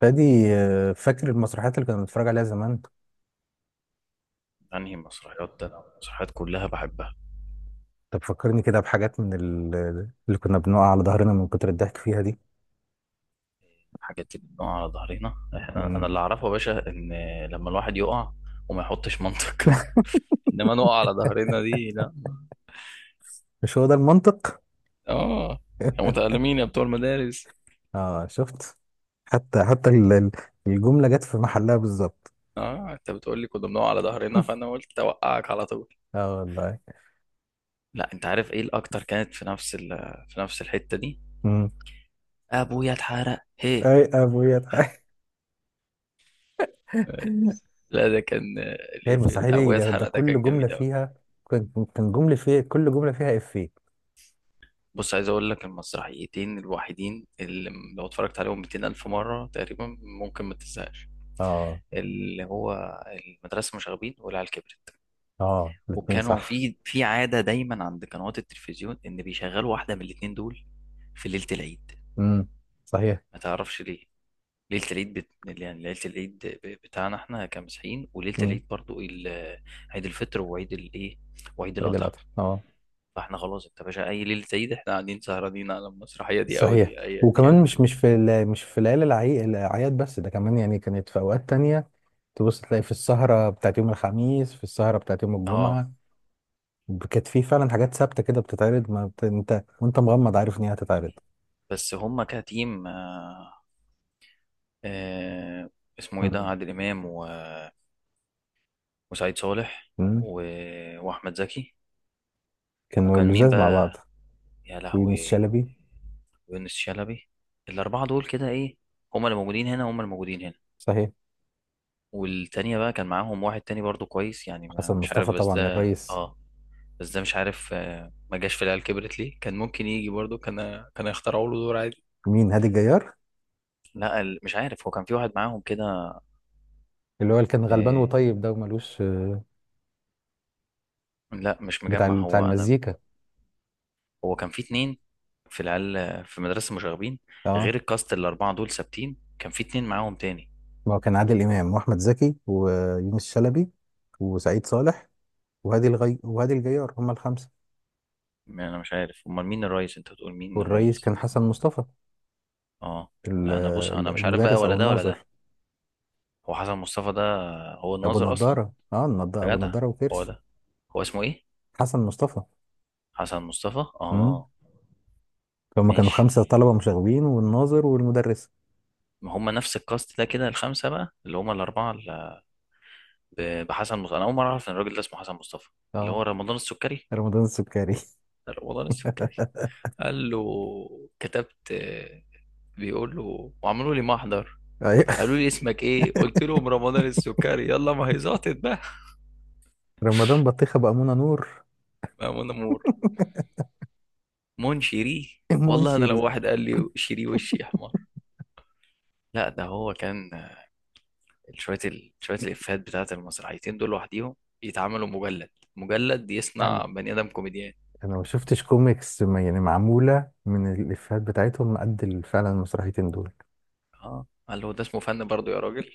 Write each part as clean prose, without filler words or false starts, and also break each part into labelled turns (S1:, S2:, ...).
S1: فادي، آه، فاكر المسرحيات اللي كنا بنتفرج عليها زمان؟
S2: انهي مسرحيات ده؟ أنا المسرحيات كلها بحبها.
S1: طب فكرني كده بحاجات اللي كنا بنقع على ظهرنا من كتر الضحك فيها دي.
S2: حاجات اللي بنقع على ظهرنا احنا، انا
S1: مم.
S2: اللي اعرفه يا باشا ان لما الواحد يقع وما يحطش منطق. انما نقع على ظهرنا دي، لا.
S1: مش هو ده المنطق؟
S2: اه، يا متألمين يا بتوع المدارس.
S1: اه، شفت. حتى الجملة جت في محلها بالظبط.
S2: اه، انت بتقول لي كنا بنقع على ظهرنا فانا قلت اوقعك على طول.
S1: اه والله.
S2: لا، انت عارف ايه الاكتر، كانت في نفس الحتة دي.
S1: مم.
S2: ابويا اتحرق هي.
S1: اي ابويا تعالى.
S2: لا، ده كان
S1: هي
S2: الإفيه
S1: المسرحية
S2: بتاع
S1: دي،
S2: ابويا
S1: ده
S2: اتحرق ده
S1: كل
S2: كان جميل
S1: جملة
S2: قوي.
S1: فيها، كان كل جملة فيها إفيه.
S2: بص، عايز اقول لك المسرحيتين الوحيدين اللي لو اتفرجت عليهم 200 الف مره تقريبا ممكن ما تزهقش.
S1: اه.
S2: اللي هو المدرسه المشاغبين والعيال كبرت.
S1: اه، الاتنين
S2: وكانوا
S1: صح.
S2: في عاده دايما عند قنوات التلفزيون ان بيشغلوا واحده من الاتنين دول في ليله العيد.
S1: امم، صحيح.
S2: ما تعرفش ليه. ليله العيد يعني ليله العيد بتاعنا احنا كمسيحيين، وليله
S1: امم،
S2: العيد برضو ال... عيد الفطر وعيد الايه وعيد
S1: سيد
S2: الاضحى.
S1: القطر، اه.
S2: فاحنا خلاص انت باشا، اي ليله عيد احنا قاعدين سهرانين على المسرحيه دي او
S1: صحيح.
S2: دي ايا كان.
S1: وكمان مش مش في ليالي الاعياد بس، ده كمان يعني كانت في اوقات تانية. تبص تلاقي في السهرة بتاعت يوم الخميس، في السهرة بتاعت يوم
S2: اه.
S1: الجمعة. كانت في فعلا حاجات ثابتة كده بتتعرض، ما بت... انت وانت مغمض عارف ان هي هتتعرض.
S2: بس هما كتيم. آه، اسمه ايه ده؟
S1: مم.
S2: عادل امام وسعيد صالح
S1: مم.
S2: واحمد زكي.
S1: كانوا
S2: وكان مين
S1: اللزاز مع
S2: بقى
S1: بعض.
S2: يا
S1: ويونس
S2: لهوي؟
S1: شلبي.
S2: يونس شلبي. الاربعه دول كده، ايه، هما اللي موجودين هنا، هما اللي موجودين هنا.
S1: صحيح.
S2: والتانية بقى كان معاهم واحد تاني برضو كويس يعني، ما
S1: حسن
S2: مش عارف
S1: مصطفى
S2: بس
S1: طبعا
S2: ده
S1: الرئيس.
S2: اه. بس ده مش عارف، ما جاش في العيال كبرت ليه؟ كان ممكن يجي برضو، كان يخترعوا له دور عادي.
S1: مين؟ هادي الجيار،
S2: لا، مش عارف، هو كان في واحد معاهم كده.
S1: اللي هو اللي كان غلبان
S2: آه،
S1: وطيب ده ومالوش
S2: لا مش مجمع
S1: بتاع
S2: هو انا.
S1: المزيكا.
S2: هو كان في اتنين، في العيال، في مدرسة مشاغبين،
S1: اه،
S2: غير الكاست الأربعة دول ثابتين كان في اتنين معاهم تاني.
S1: ما هو كان عادل امام واحمد زكي ويونس شلبي وسعيد صالح، وهادي الجيار، هما الخمسة.
S2: ما أنا مش عارف أمال مين الريس؟ أنت بتقول مين
S1: والرئيس
S2: الريس؟
S1: كان حسن مصطفى.
S2: أه.
S1: ال-
S2: لا أنا بص، أنا مش عارف بقى
S1: المدرس
S2: ولا
S1: أو
S2: ده ولا ده.
S1: الناظر.
S2: هو حسن مصطفى ده هو الناظر أصلا؟ يا
S1: أبو
S2: جدع،
S1: نضارة
S2: هو
S1: وكرش.
S2: ده، هو اسمه إيه؟
S1: حسن مصطفى.
S2: حسن مصطفى،
S1: امم
S2: أه.
S1: هما كانوا
S2: ماشي،
S1: خمسة طلبة مشاغبين والناظر والمدرس.
S2: ما هما نفس الكاست ده كده، الخمسة بقى اللي هما الأربعة اللي بحسن مصطفى. أنا أول مرة أعرف إن الراجل ده اسمه حسن مصطفى. اللي
S1: اه،
S2: هو رمضان السكري،
S1: رمضان السكري.
S2: ده رمضان السكري. قال له كتبت، بيقول له وعملوا لي محضر،
S1: أيوة.
S2: قالوا لي اسمك ايه؟ قلت لهم رمضان السكري، يلا ما هي زعطت بقى.
S1: رمضان بطيخة بأمونة نور.
S2: مأمون نور، مون شيري، والله انا لو
S1: منشري.
S2: واحد قال لي شيري وشي احمر. لا ده هو كان، شويه الافيهات بتاعت المسرحيتين دول لوحديهم يتعملوا مجلد، مجلد
S1: يعني
S2: يصنع بني ادم كوميديان.
S1: أنا ما شفتش كوميكس، يعني معمولة من الإفيهات بتاعتهم قد فعلا المسرحيتين دول.
S2: اه، قال له ده اسمه فن برضه يا راجل.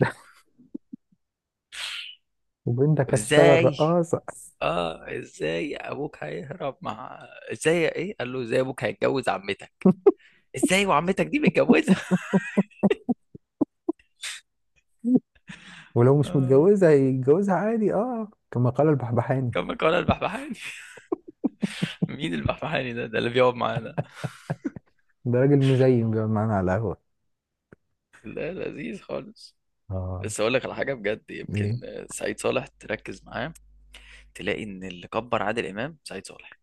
S1: وبنتك هتشتغل
S2: ازاي؟
S1: رقاصة.
S2: اه، ازاي ابوك هيهرب مع، ازاي، ايه، قال له ازاي ابوك هيتجوز عمتك، ازاي وعمتك دي متجوزه؟
S1: ولو مش
S2: آه.
S1: متجوزة هيتجوزها عادي، كما قال البحبحاني.
S2: كما قال البحبحاني. مين البحبحاني ده اللي بيقعد معانا؟
S1: ده راجل مزين بيقعد معانا على القهوة.
S2: لا، لذيذ خالص.
S1: اه.
S2: بس اقول لك على حاجه بجد يمكن،
S1: ايه؟
S2: سعيد صالح تركز معاه تلاقي ان اللي كبر عادل امام سعيد صالح.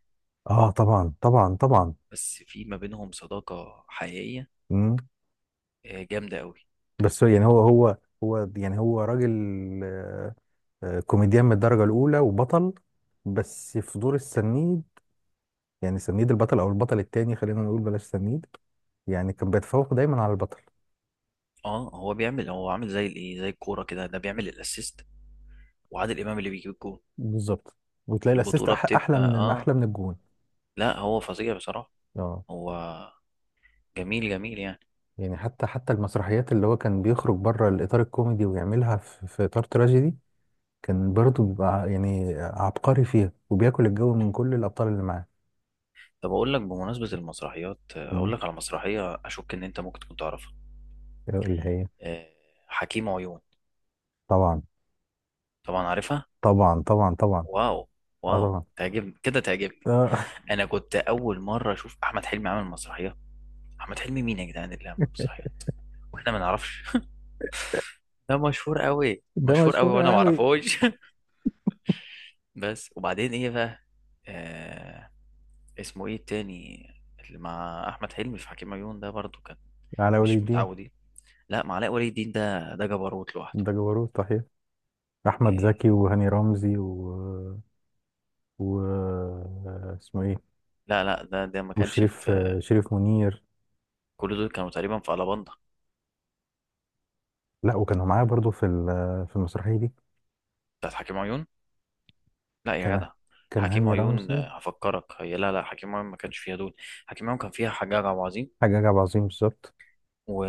S1: اه، طبعا طبعا طبعا.
S2: بس في ما بينهم صداقه حقيقيه
S1: مم.
S2: جامده قوي.
S1: بس هو يعني هو. هو يعني هو راجل. آه، كوميديان من الدرجة الأولى وبطل، بس في دور السنيد. يعني سنيد البطل أو البطل التاني، خلينا نقول بلاش سنيد. يعني كان بيتفوق دايما على البطل.
S2: اه، هو عامل زي الايه، زي الكوره كده، ده بيعمل الاسيست وعادل امام اللي بيجيب الجول.
S1: بالظبط. وتلاقي الأسيست
S2: البطوله
S1: أحلى
S2: بتبقى
S1: من
S2: اه،
S1: أحلى من الجون.
S2: لا هو فظيع بصراحه،
S1: اه،
S2: هو جميل جميل يعني.
S1: يعني حتى المسرحيات اللي هو كان بيخرج بره الإطار الكوميدي ويعملها في إطار تراجيدي، كان برضه بيبقى يعني عبقري فيها وبياكل الجو من كل الأبطال اللي معاه.
S2: طب اقول لك بمناسبة المسرحيات، اقول
S1: مم.
S2: لك على مسرحية اشك ان انت ممكن تكون تعرفها.
S1: اللي هي.
S2: آه، حكيم عيون.
S1: طبعا
S2: طبعا عارفها.
S1: طبعا طبعا طبعا.
S2: واو،
S1: اه
S2: واو،
S1: طبعا.
S2: تعجبني كده، تعجبني.
S1: آه،
S2: انا كنت اول مرة اشوف احمد حلمي عامل مسرحية. احمد حلمي مين يا جدعان اللي عامل مسرحية واحنا ما نعرفش؟ ده مشهور قوي،
S1: ده
S2: مشهور قوي
S1: مشهور
S2: وانا ما
S1: قوي.
S2: اعرفوش. بس وبعدين ايه بقى؟ آه اسمه ايه التاني، اللي مع احمد حلمي في حكيم عيون ده برضو كان؟
S1: على ولي
S2: مش
S1: الدين.
S2: متعودين. لا، ما علاء ولي الدين ده ده جبروت لوحده.
S1: ده جبروت صحيح. أحمد
S2: إيه،
S1: زكي وهاني رمزي و، و... اسمه إيه؟
S2: لا لا، ده ما كانش
S1: وشريف.
S2: في.
S1: شريف منير.
S2: كل دول كانوا تقريبا في ألاباندا
S1: لا، وكانوا معاه برضه في المسرحية دي.
S2: بتاعت حكيم عيون. لا يا
S1: كان
S2: جدع،
S1: كان
S2: حكيم
S1: هاني
S2: عيون،
S1: رمزي.
S2: هفكرك هي، لا لا، حكيم عيون ما كانش فيها دول. حكيم عيون كان فيها حجاج عبد العظيم
S1: حاجة جاب عظيم بالظبط.
S2: و...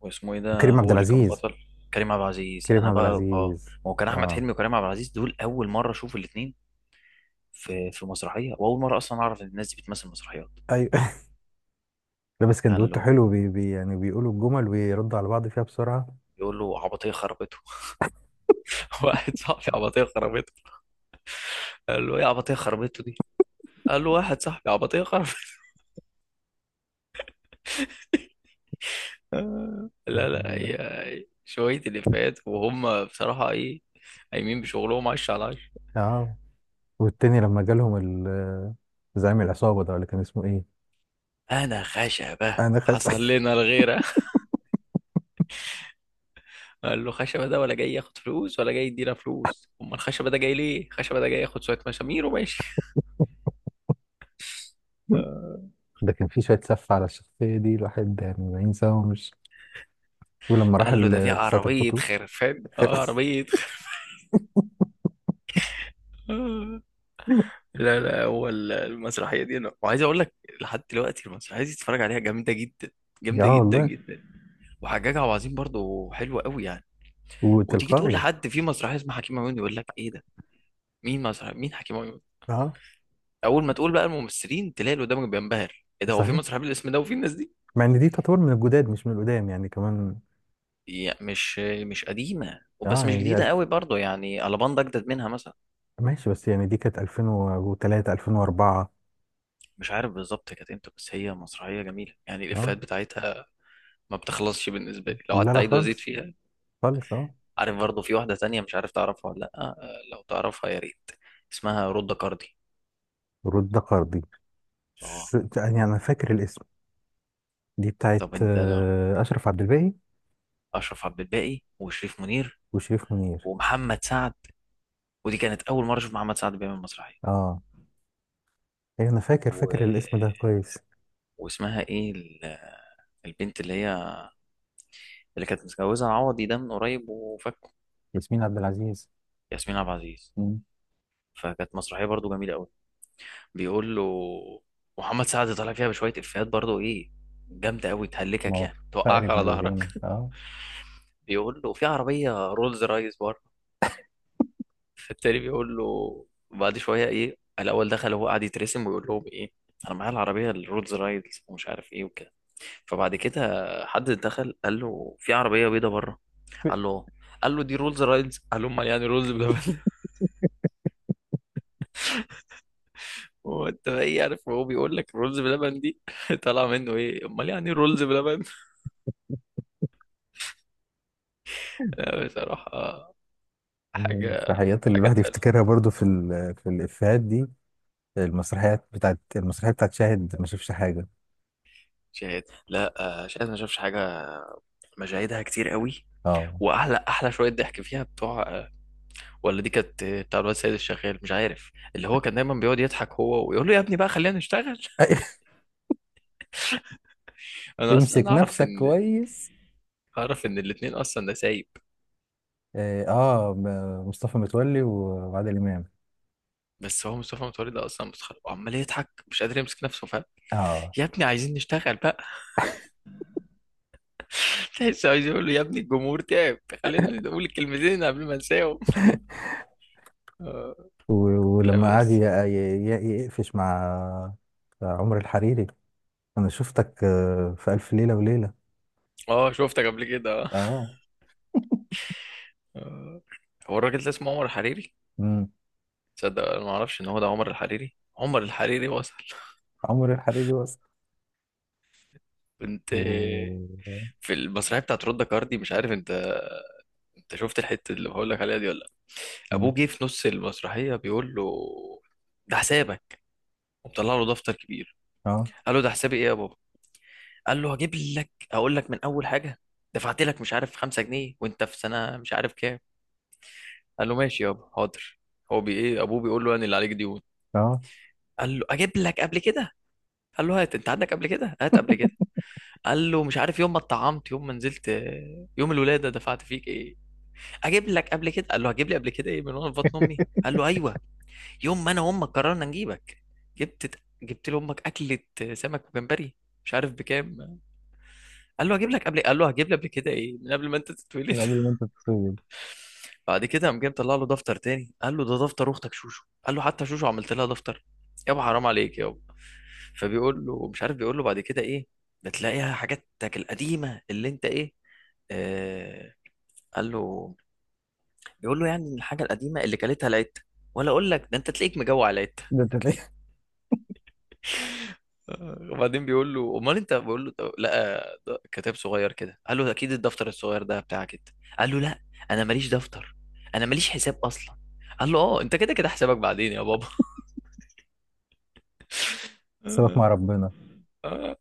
S2: واسمه ايه ده
S1: كريم عبد
S2: هو اللي كان
S1: العزيز.
S2: بطل؟ كريم عبد العزيز،
S1: كريم
S2: انا
S1: عبد
S2: بقى اه،
S1: العزيز.
S2: ما هو كان احمد
S1: اه.
S2: حلمي وكريم عبد العزيز دول اول مره اشوف الاثنين في مسرحيه، واول مره اصلا اعرف ان الناس دي بتمثل مسرحيات.
S1: ايوه. لابس
S2: قال
S1: كندوته
S2: له
S1: حلو بي بي، يعني بيقولوا الجمل ويردوا على بعض فيها بسرعة.
S2: يقول له عبطيه خربته. واحد صاحبي عبطيه خربته. قال له ايه عبطيه خربته دي؟ قال له واحد صاحبي عبطيه خربته. لا لا هي، شوية الإفيهات وهم بصراحة إيه، قايمين بشغلهم عش على عش.
S1: اه، والتاني لما جالهم ال- زعيم العصابة ده، ولا كان اسمه ايه؟
S2: أنا خشبة
S1: آه، انا خايف.
S2: حصل لنا الغيرة. قال له خشبة ده ولا جاي ياخد فلوس ولا جاي يدينا فلوس؟ أمال الخشبة ده جاي ليه؟ خشبة ده جاي ياخد شوية مشامير وماشي. آه،
S1: ده كان في شوية سف على الشخصية دي، الواحد يعني ما ينساهمش. ولما راح
S2: قال له ده في
S1: ساعة
S2: عربية
S1: الخطوة.
S2: خرفان،
S1: خلاص.
S2: عربية خرفان. آه، لا لا، هو المسرحية دي أنا وعايز أقول لك، لحد دلوقتي المسرحية دي تتفرج عليها جامدة جدا، جامدة
S1: اه
S2: جدا
S1: والله.
S2: جدا. وحجاج عبد العظيم برضه حلو قوي يعني. وتيجي تقول
S1: وتلقائي.
S2: لحد في مسرحيه اسمها حكيم عيون، يقول لك ايه ده؟ مين حكيم عيون؟
S1: اه
S2: اول ما تقول بقى الممثلين تلاقي اللي قدامك بينبهر، ايه ده، هو في
S1: صحيح.
S2: مسرحيه بالاسم ده وفي الناس دي؟
S1: مع ان دي تعتبر من الجداد مش من القدام يعني كمان.
S2: يعني مش قديمه وبس،
S1: اه
S2: مش
S1: يعني دي.
S2: جديده قوي برضه يعني، الاباندا اجدد منها مثلا.
S1: ماشي، بس يعني دي كانت 2003 2004.
S2: مش عارف بالظبط كانت امتى بس هي مسرحيه جميله يعني،
S1: اه،
S2: الافيهات بتاعتها ما بتخلصش بالنسبه لي لو
S1: لا
S2: قعدت
S1: لا
S2: اعيد وازيد
S1: خالص.
S2: فيها.
S1: خالص اه.
S2: عارف برضه في واحده تانية مش عارف تعرفها ولا لا، لو تعرفها يا ريت. اسمها رودة كاردي.
S1: رد قرضي.
S2: اه،
S1: يعني انا فاكر الاسم. دي بتاعت
S2: طب انت ده،
S1: اشرف عبد الباقي.
S2: اشرف عبد الباقي وشريف منير
S1: وشريف منير.
S2: ومحمد سعد، ودي كانت اول مره اشوف محمد سعد بيعمل مسرحيه،
S1: اه، ايه، انا فاكر
S2: و...
S1: فاكر الاسم ده كويس.
S2: واسمها ايه البنت اللي هي، اللي كانت متجوزه عوضي ده من قريب وفكه؟
S1: ياسمين عبد العزيز.
S2: ياسمين عبد العزيز.
S1: مم.
S2: فكانت مسرحيه برضو جميله قوي، بيقول له، محمد سعد طالع فيها بشويه افيهات برضو ايه، جامده قوي
S1: ما
S2: تهلكك
S1: هو.
S2: يعني،
S1: فقر
S2: توقعك على
S1: ابن
S2: ظهرك.
S1: الذين، اه.
S2: بيقول له في عربيه رولز رايس، فالتاني بيقول له بعد شويه ايه، الاول دخل هو قاعد يترسم ويقول لهم ايه، انا معايا العربيه الرولز رايدز ومش عارف ايه وكده. فبعد كده حد دخل قال له في عربيه بيضه بره، قال له آه. قال له دي رولز رايدز، قال له امال يعني رولز بلبن؟ هو انت بقى ايه عارف، هو بيقول لك رولز بلبن دي؟ طالع منه ايه، امال يعني رولز بلبن؟ لا، بصراحه حاجه،
S1: المسرحيات اللي
S2: حاجه
S1: الواحد
S2: تقل.
S1: يفتكرها برضو في الافيهات دي. المسرحيات بتاعت المسرحيه بتاعت شاهد ما شافش حاجه.
S2: شهاد، لا شهاد ما شافش حاجه، مشاهدها كتير قوي.
S1: اه.
S2: واحلى، احلى شويه ضحك فيها بتوع ولا دي كانت بتاع الواد سيد الشغال مش عارف، اللي هو كان دايما بيقعد يضحك هو ويقول له يا ابني بقى خلينا نشتغل. انا
S1: امسك
S2: اصلا اعرف
S1: نفسك
S2: ان،
S1: كويس.
S2: الاتنين اصلا نسايب.
S1: اه، مصطفى متولي و- وعادل امام.
S2: بس هو مصطفى متولي ده اصلا متخلف وعمال يضحك مش قادر يمسك نفسه فاهم،
S1: اه.
S2: يا ابني عايزين نشتغل بقى. تحس عايز يقول له يا ابني الجمهور تعب خلينا نقول الكلمتين قبل ما انساهم. آه،
S1: و-
S2: لا
S1: ولما قعد
S2: بس،
S1: يقفش مع، مع عمر الحريري. انا شفتك في الف ليله وليله.
S2: اه شفتك قبل كده. آه.
S1: اه.
S2: آه. هو الراجل ده اسمه عمر الحريري؟
S1: امم.
S2: تصدق انا ما اعرفش ان هو ده عمر الحريري، عمر الحريري وصل.
S1: عمر الحريري وصل.
S2: كنت
S1: و...
S2: في المسرحيه بتاعت رودا كاردي، مش عارف انت شفت الحته اللي بقول لك عليها دي ولا لا؟
S1: مم.
S2: ابوه جه في نص المسرحيه بيقول له ده حسابك، ومطلع له دفتر كبير.
S1: اه.
S2: قال له ده حسابي ايه يا بابا؟ قال له هجيب لك اقول لك من اول حاجه، دفعت لك مش عارف 5 جنيه وانت في سنه مش عارف كام. قال له ماشي يابا حاضر. هو بي ايه، ابوه بيقول له انا اللي عليك ديون.
S1: اه.
S2: قال له اجيب لك قبل كده. قال له هات انت عندك قبل كده، هات قبل كده. قال له مش عارف يوم ما اتطعمت، يوم ما نزلت، يوم الولاده دفعت فيك ايه. اجيب لك قبل كده. قال له هجيب لي قبل كده ايه من وانا في بطن امي؟ قال له ايوه، يوم ما انا وامك قررنا نجيبك، جبت لامك اكله سمك وجمبري مش عارف بكام. قال له هجيب لك قبل، قال له هجيب لي قبل كده ايه؟ من قبل ما انت تتولد.
S1: من قبل ما انت تتخيل.
S2: بعد كده قام جاي مطلع له دفتر تاني، قال له ده دفتر اختك شوشو. قال له حتى شوشو عملت لها دفتر؟ يابا حرام عليك يابا. فبيقول له مش عارف، بيقول له بعد كده ايه، ده تلاقيها حاجاتك القديمه اللي انت ايه، آه قال له، بيقول له يعني ان الحاجه القديمه اللي كلتها العته، ولا اقول لك ده انت تلاقيك مجوع العته.
S1: ده انت تلاقيه.
S2: وبعدين بيقول له امال انت، بقول له لقى كتاب صغير كده، قال له اكيد الدفتر الصغير ده بتاعك انت. قال له لا، انا ماليش دفتر، انا ماليش حساب اصلا. قال له اه، انت كده كده حسابك بعدين يا بابا.
S1: سيبك مع ربنا.
S2: آه.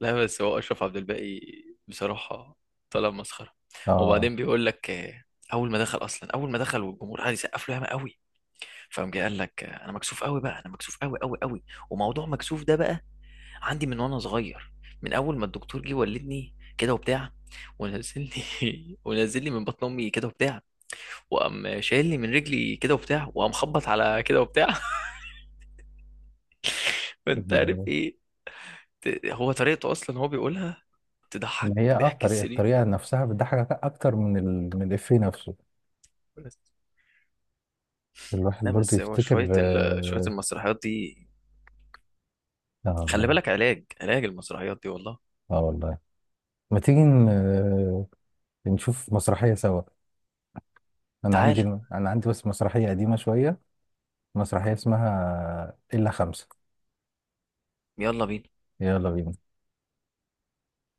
S2: لا بس هو اشرف عبد الباقي بصراحه طلع مسخره.
S1: اه.
S2: وبعدين بيقول لك، اول ما دخل اصلا، اول ما دخل والجمهور قعد يسقف له ياما قوي، فقام جاي قال لك انا مكسوف قوي بقى، انا مكسوف قوي قوي قوي، وموضوع مكسوف ده بقى عندي من وانا صغير، من اول ما الدكتور جه ولدني كده وبتاع، ونزل لي ونزل لي من بطن امي كده وبتاع، وقام شايل لي من رجلي كده وبتاع، وقام خبط على كده وبتاع. فانت عارف ايه، هو طريقته اصلا هو بيقولها تضحك
S1: ما هي،
S2: ضحك
S1: الطريقه
S2: السرير.
S1: الطريقه نفسها بتضحك اكتر من الافيه نفسه.
S2: بس،
S1: الواحد
S2: لا
S1: برضه
S2: بس هو
S1: يفتكر،
S2: شويه
S1: اه.
S2: المسرحيات دي،
S1: آه
S2: خلي
S1: والله.
S2: بالك، علاج، علاج المسرحيات دي والله.
S1: اه والله. ما تيجي نشوف مسرحية سوا. أنا عندي
S2: تعال،
S1: أنا عندي بس مسرحية قديمة شوية. مسرحية اسمها إلا خمسة.
S2: يلا بينا.
S1: يلا بينا.